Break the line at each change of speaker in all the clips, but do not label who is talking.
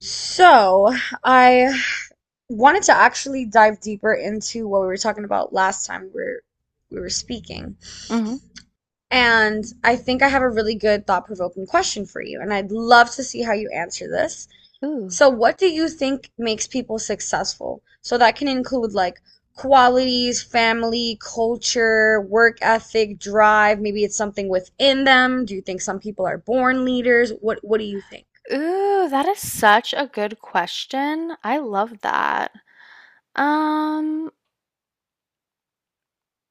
So, I wanted to actually dive deeper into what we were talking about last time we were speaking.
Hmm.
And I think I have a really good thought-provoking question for you, and I'd love to see how you answer this.
Ooh.
So, what do you think makes people successful? So that can include like qualities, family, culture, work ethic, drive. Maybe it's something within them. Do you think some people are born leaders? What do you think?
Ooh, that is such a good question. I love that. Um,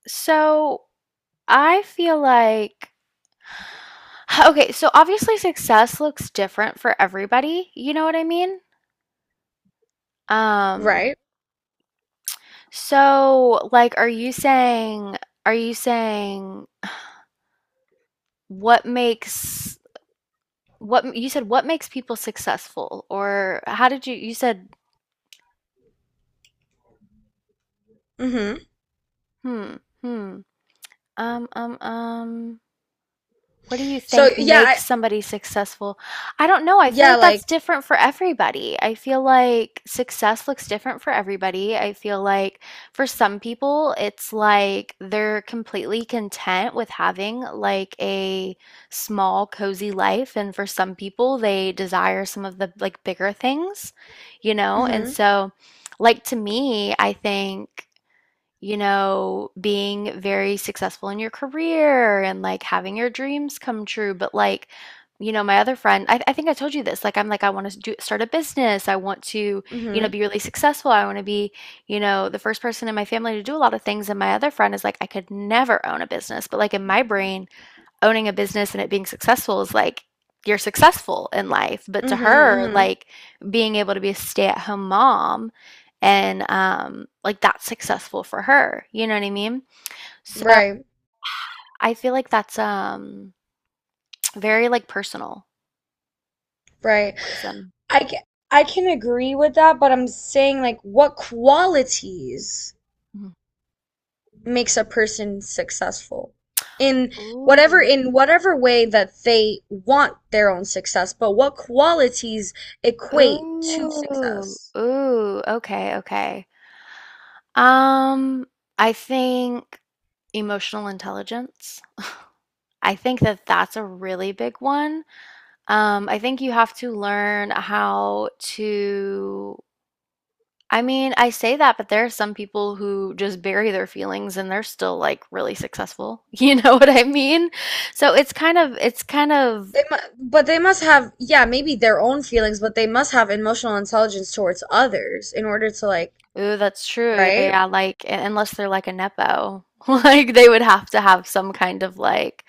so I feel like okay, so obviously success looks different for everybody. You know what I mean? Um,
Right?
so like are you saying what makes what you said what makes people successful or how did you said
Mm-hmm.
hmm. Hmm. um um um What do you
So
think
yeah.
makes somebody successful? I don't know. I feel
Yeah,
like
like,
that's different for everybody. I feel like success looks different for everybody. I feel like for some people, it's like they're completely content with having like a small, cozy life. And for some people, they desire some of the like bigger things, And
mm
so, like to me, I think being very successful in your career and like having your dreams come true. But like, my other friend, I think I told you this. Like, I'm like, I want to do start a business. I want to,
mhm, mm
be
mhm,
really successful. I want to be, the first person in my family to do a lot of things. And my other friend is like, I could never own a business. But like in my brain, owning a business and it being successful is like you're successful in life. But
mm
to
mhm,
her,
mhm.
like being able to be a stay-at-home mom and like that's successful for her. You know what I mean? So
Right,
I feel like that's very like personal
right.
person.
I ca- I can agree with that, but I'm saying like what qualities
Mhm.
makes a person successful in
Ooh.
whatever way that they want their own success, but what qualities equate to
Ooh.
success?
Ooh. Okay, okay. Um, I think emotional intelligence. I think that that's a really big one. I think you have to learn how to. I mean, I say that, but there are some people who just bury their feelings and they're still like really successful. You know what I mean? So
They mu but they must have, yeah, maybe their own feelings, but they must have emotional intelligence towards others in order to like,
ooh, that's true. Yeah, yeah,
right?
yeah. Like, unless they're like a nepo, like they would have to have some kind of like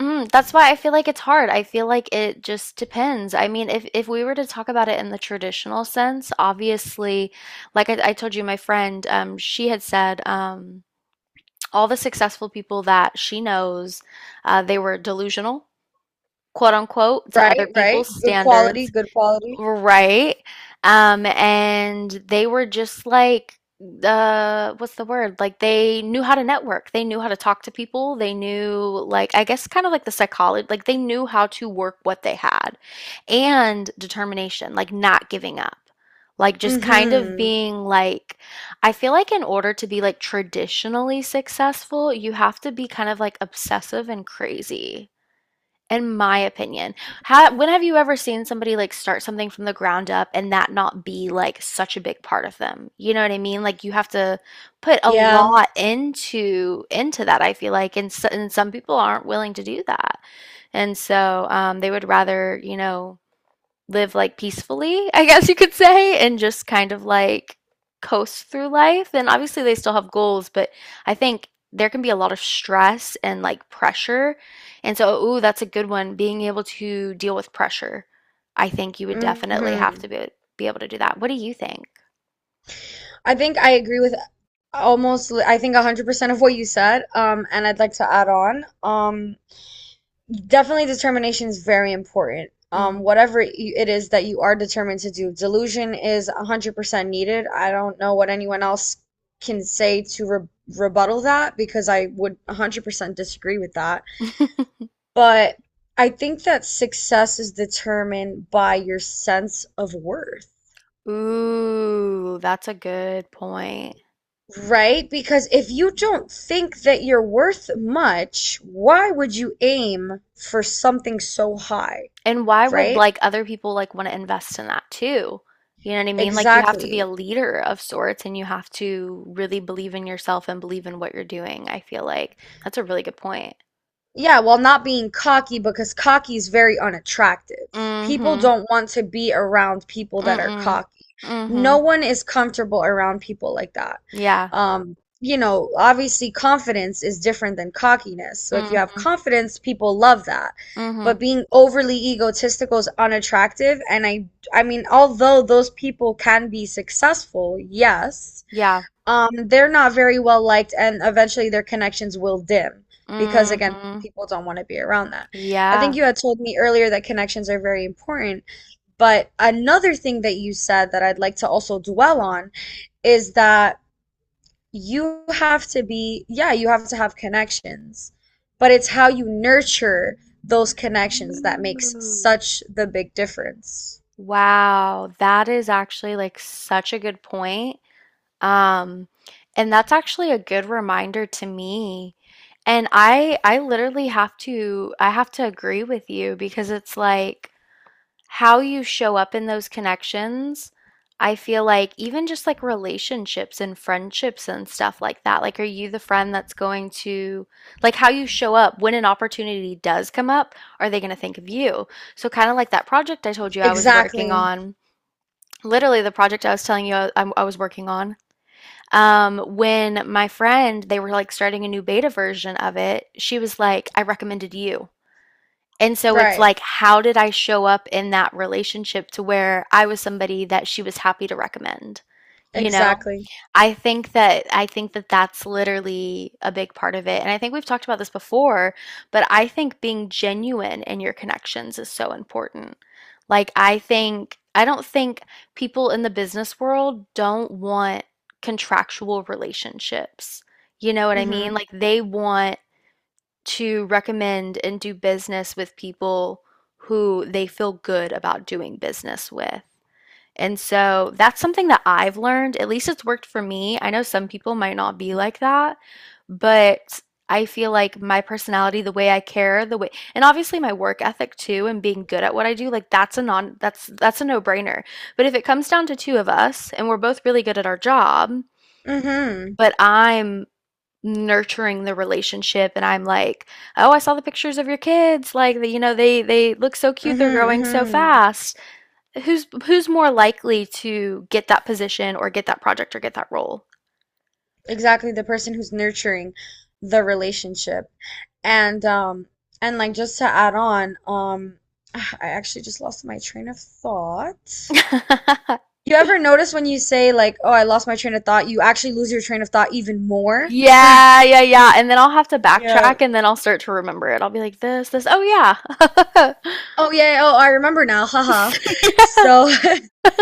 mm, that's why I feel like it's hard. I feel like it just depends. I mean, if we were to talk about it in the traditional sense, obviously, like I told you, my friend, she had said, all the successful people that she knows, they were delusional, quote unquote, to other
Right, right.
people's
Good quality,
standards.
good quality.
Right. And they were just like, what's the word? Like they knew how to network. They knew how to talk to people. They knew like I guess kind of like the psychology, like they knew how to work what they had. And determination, like not giving up. Like just kind of
Mm-hmm.
being like I feel like in order to be like traditionally successful, you have to be kind of like obsessive and crazy in my opinion. How, when have you ever seen somebody like start something from the ground up and that not be like such a big part of them? You know what I mean? Like you have to put a
Yeah.
lot into that, I feel like, and some people aren't willing to do that. And so they would rather, live like peacefully, I guess you could say, and just kind of like coast through life. And obviously, they still have goals, but I think there can be a lot of stress and like pressure. And so, ooh, that's a good one. Being able to deal with pressure. I think you would definitely have
Mm-hmm.
to be able to do that. What do you think?
I think I agree with almost, I think 100% of what you said. And I'd like to add on. Definitely determination is very important.
Hmm.
Whatever it is that you are determined to do, delusion is 100% needed. I don't know what anyone else can say to re rebuttal that because I would 100% disagree with that. But I think that success is determined by your sense of worth.
Ooh, that's a good point.
Right? Because if you don't think that you're worth much, why would you aim for something so high?
And why would
Right?
like other people like want to invest in that too? You know what I mean? Like you have to be a
Exactly.
leader of sorts and you have to really believe in yourself and believe in what you're doing. I feel like that's a really good point.
Yeah, while not being cocky because cocky is very unattractive. People
Mm-hmm.
don't want to be around people that are
Mm-mm.
cocky.
Mm-hmm.
No one is comfortable around people like that.
Yeah.
Obviously confidence is different than cockiness. So if you have
Mm-hmm.
confidence, people love that.
Mm-hmm.
But being overly egotistical is unattractive. I mean, although those people can be successful, yes,
Yeah.
they're not very well liked, and eventually their connections will dim because, again,
Mm-hmm.
people don't want to be around that. I think
Yeah.
you had told me earlier that connections are very important, but another thing that you said that I'd like to also dwell on is that you have to be, yeah, you have to have connections, but it's how you nurture those connections that makes
Ooh.
such the big difference.
Wow, that is actually like such a good point. Um, and that's actually a good reminder to me. And I literally have to I have to agree with you because it's like how you show up in those connections. I feel like even just like relationships and friendships and stuff like that. Like, are you the friend that's going to, like, how you show up when an opportunity does come up? Are they going to think of you? So, kind of like that project I told you I was working
Exactly.
on, literally the project I was telling you I was working on. When my friend, they were like starting a new beta version of it, she was like, I recommended you. And so it's
Right.
like, how did I show up in that relationship to where I was somebody that she was happy to recommend, you know?
Exactly.
I think that that's literally a big part of it. And I think we've talked about this before, but I think being genuine in your connections is so important. Like I think I don't think people in the business world don't want contractual relationships. You know what I mean?
Mm-hmm.
Like they want to recommend and do business with people who they feel good about doing business with. And so that's something that I've learned. At least it's worked for me. I know some people might not be like that, but I feel like my personality, the way I care, the way, and obviously my work ethic too, and being good at what I do, like that's a that's that's a no-brainer. But if it comes down to two of us and we're both really good at our job,
Mm-hmm.
but I'm nurturing the relationship and I'm like, "Oh, I saw the pictures of your kids. Like, they look so cute. They're
Mm-hmm.
growing so
Mm-hmm.
fast." Who's who's more likely to get that position or get that project or get that role?
Exactly, the person who's nurturing the relationship. And um and like just to add on, I actually just lost my train of thought. You ever notice when you say like, "Oh, I lost my train of thought," you actually lose your train of thought even more?
Yeah, yeah, yeah. And then I'll have to
Yeah.
backtrack and then I'll start to remember it. I'll be like this. Oh yeah.
Oh yeah, oh I remember now. Haha.
Yeah.
So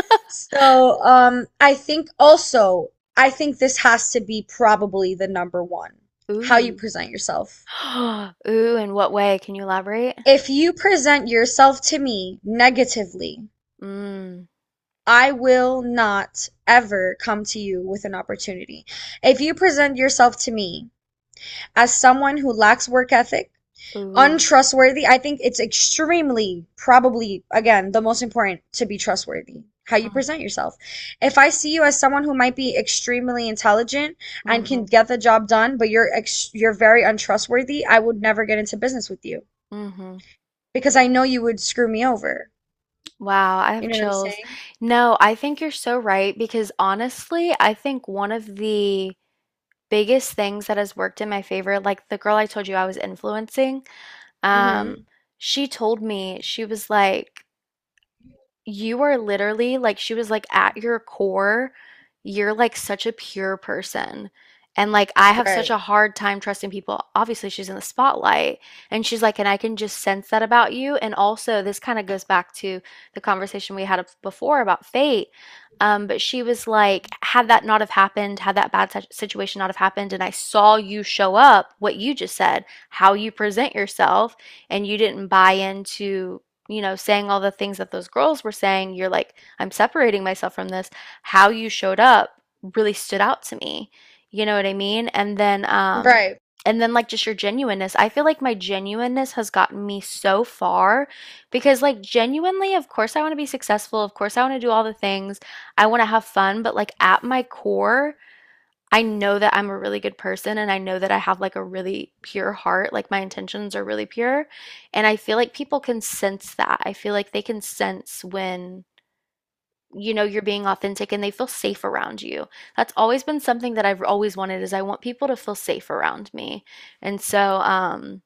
I think also I think this has to be probably the number one. How you
Ooh.
present yourself.
Ooh, in what way? Can you elaborate?
If you present yourself to me negatively,
Mm.
I will not ever come to you with an opportunity. If you present yourself to me as someone who lacks work ethic,
Ooh.
untrustworthy, I think it's extremely, probably, again, the most important to be trustworthy, how you
Mm.
present yourself. If I see you as someone who might be extremely intelligent and can
Mm-hmm.
get the job done, but you're very untrustworthy, I would never get into business with you
Mm-hmm.
because I know you would screw me over.
Wow, I have
You know what I'm
chills.
saying?
No, I think you're so right because honestly, I think one of the biggest things that has worked in my favor, like the girl I told you I was influencing, um,
Hmm.
she told me, she was like, you are literally like, she was like, at your core, you're like such a pure person. And like, I have such
Right.
a hard time trusting people. Obviously, she's in the spotlight. And she's like, and I can just sense that about you. And also, this kind of goes back to the conversation we had before about fate. But she was like, had that not have happened, had that bad situation not have happened, and I saw you show up, what you just said, how you present yourself, and you didn't buy into saying all the things that those girls were saying, you're like, I'm separating myself from this. How you showed up really stood out to me. You know what I mean?
Right.
And then like just your genuineness. I feel like my genuineness has gotten me so far because like genuinely, of course I want to be successful. Of course I want to do all the things. I want to have fun, but like at my core, I know that I'm a really good person and I know that I have like a really pure heart, like my intentions are really pure. And I feel like people can sense that. I feel like they can sense when, you're being authentic and they feel safe around you. That's always been something that I've always wanted is I want people to feel safe around me. And so,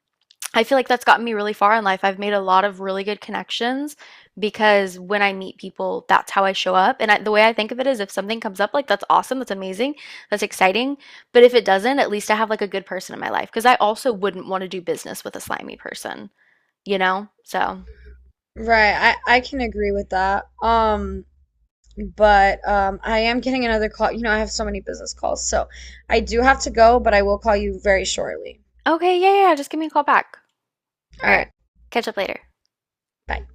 I feel like that's gotten me really far in life. I've made a lot of really good connections because when I meet people, that's how I show up. And I, the way I think of it is if something comes up, like that's awesome, that's amazing, that's exciting. But if it doesn't, at least I have like a good person in my life because I also wouldn't want to do business with a slimy person, you know? So,
Right. I can agree with that. But I am getting another call. You know, I have so many business calls. So I do have to go, but I will call you very shortly.
okay, yeah, yeah, yeah, just give me a call back.
All
All right,
right.
catch up later.
Bye.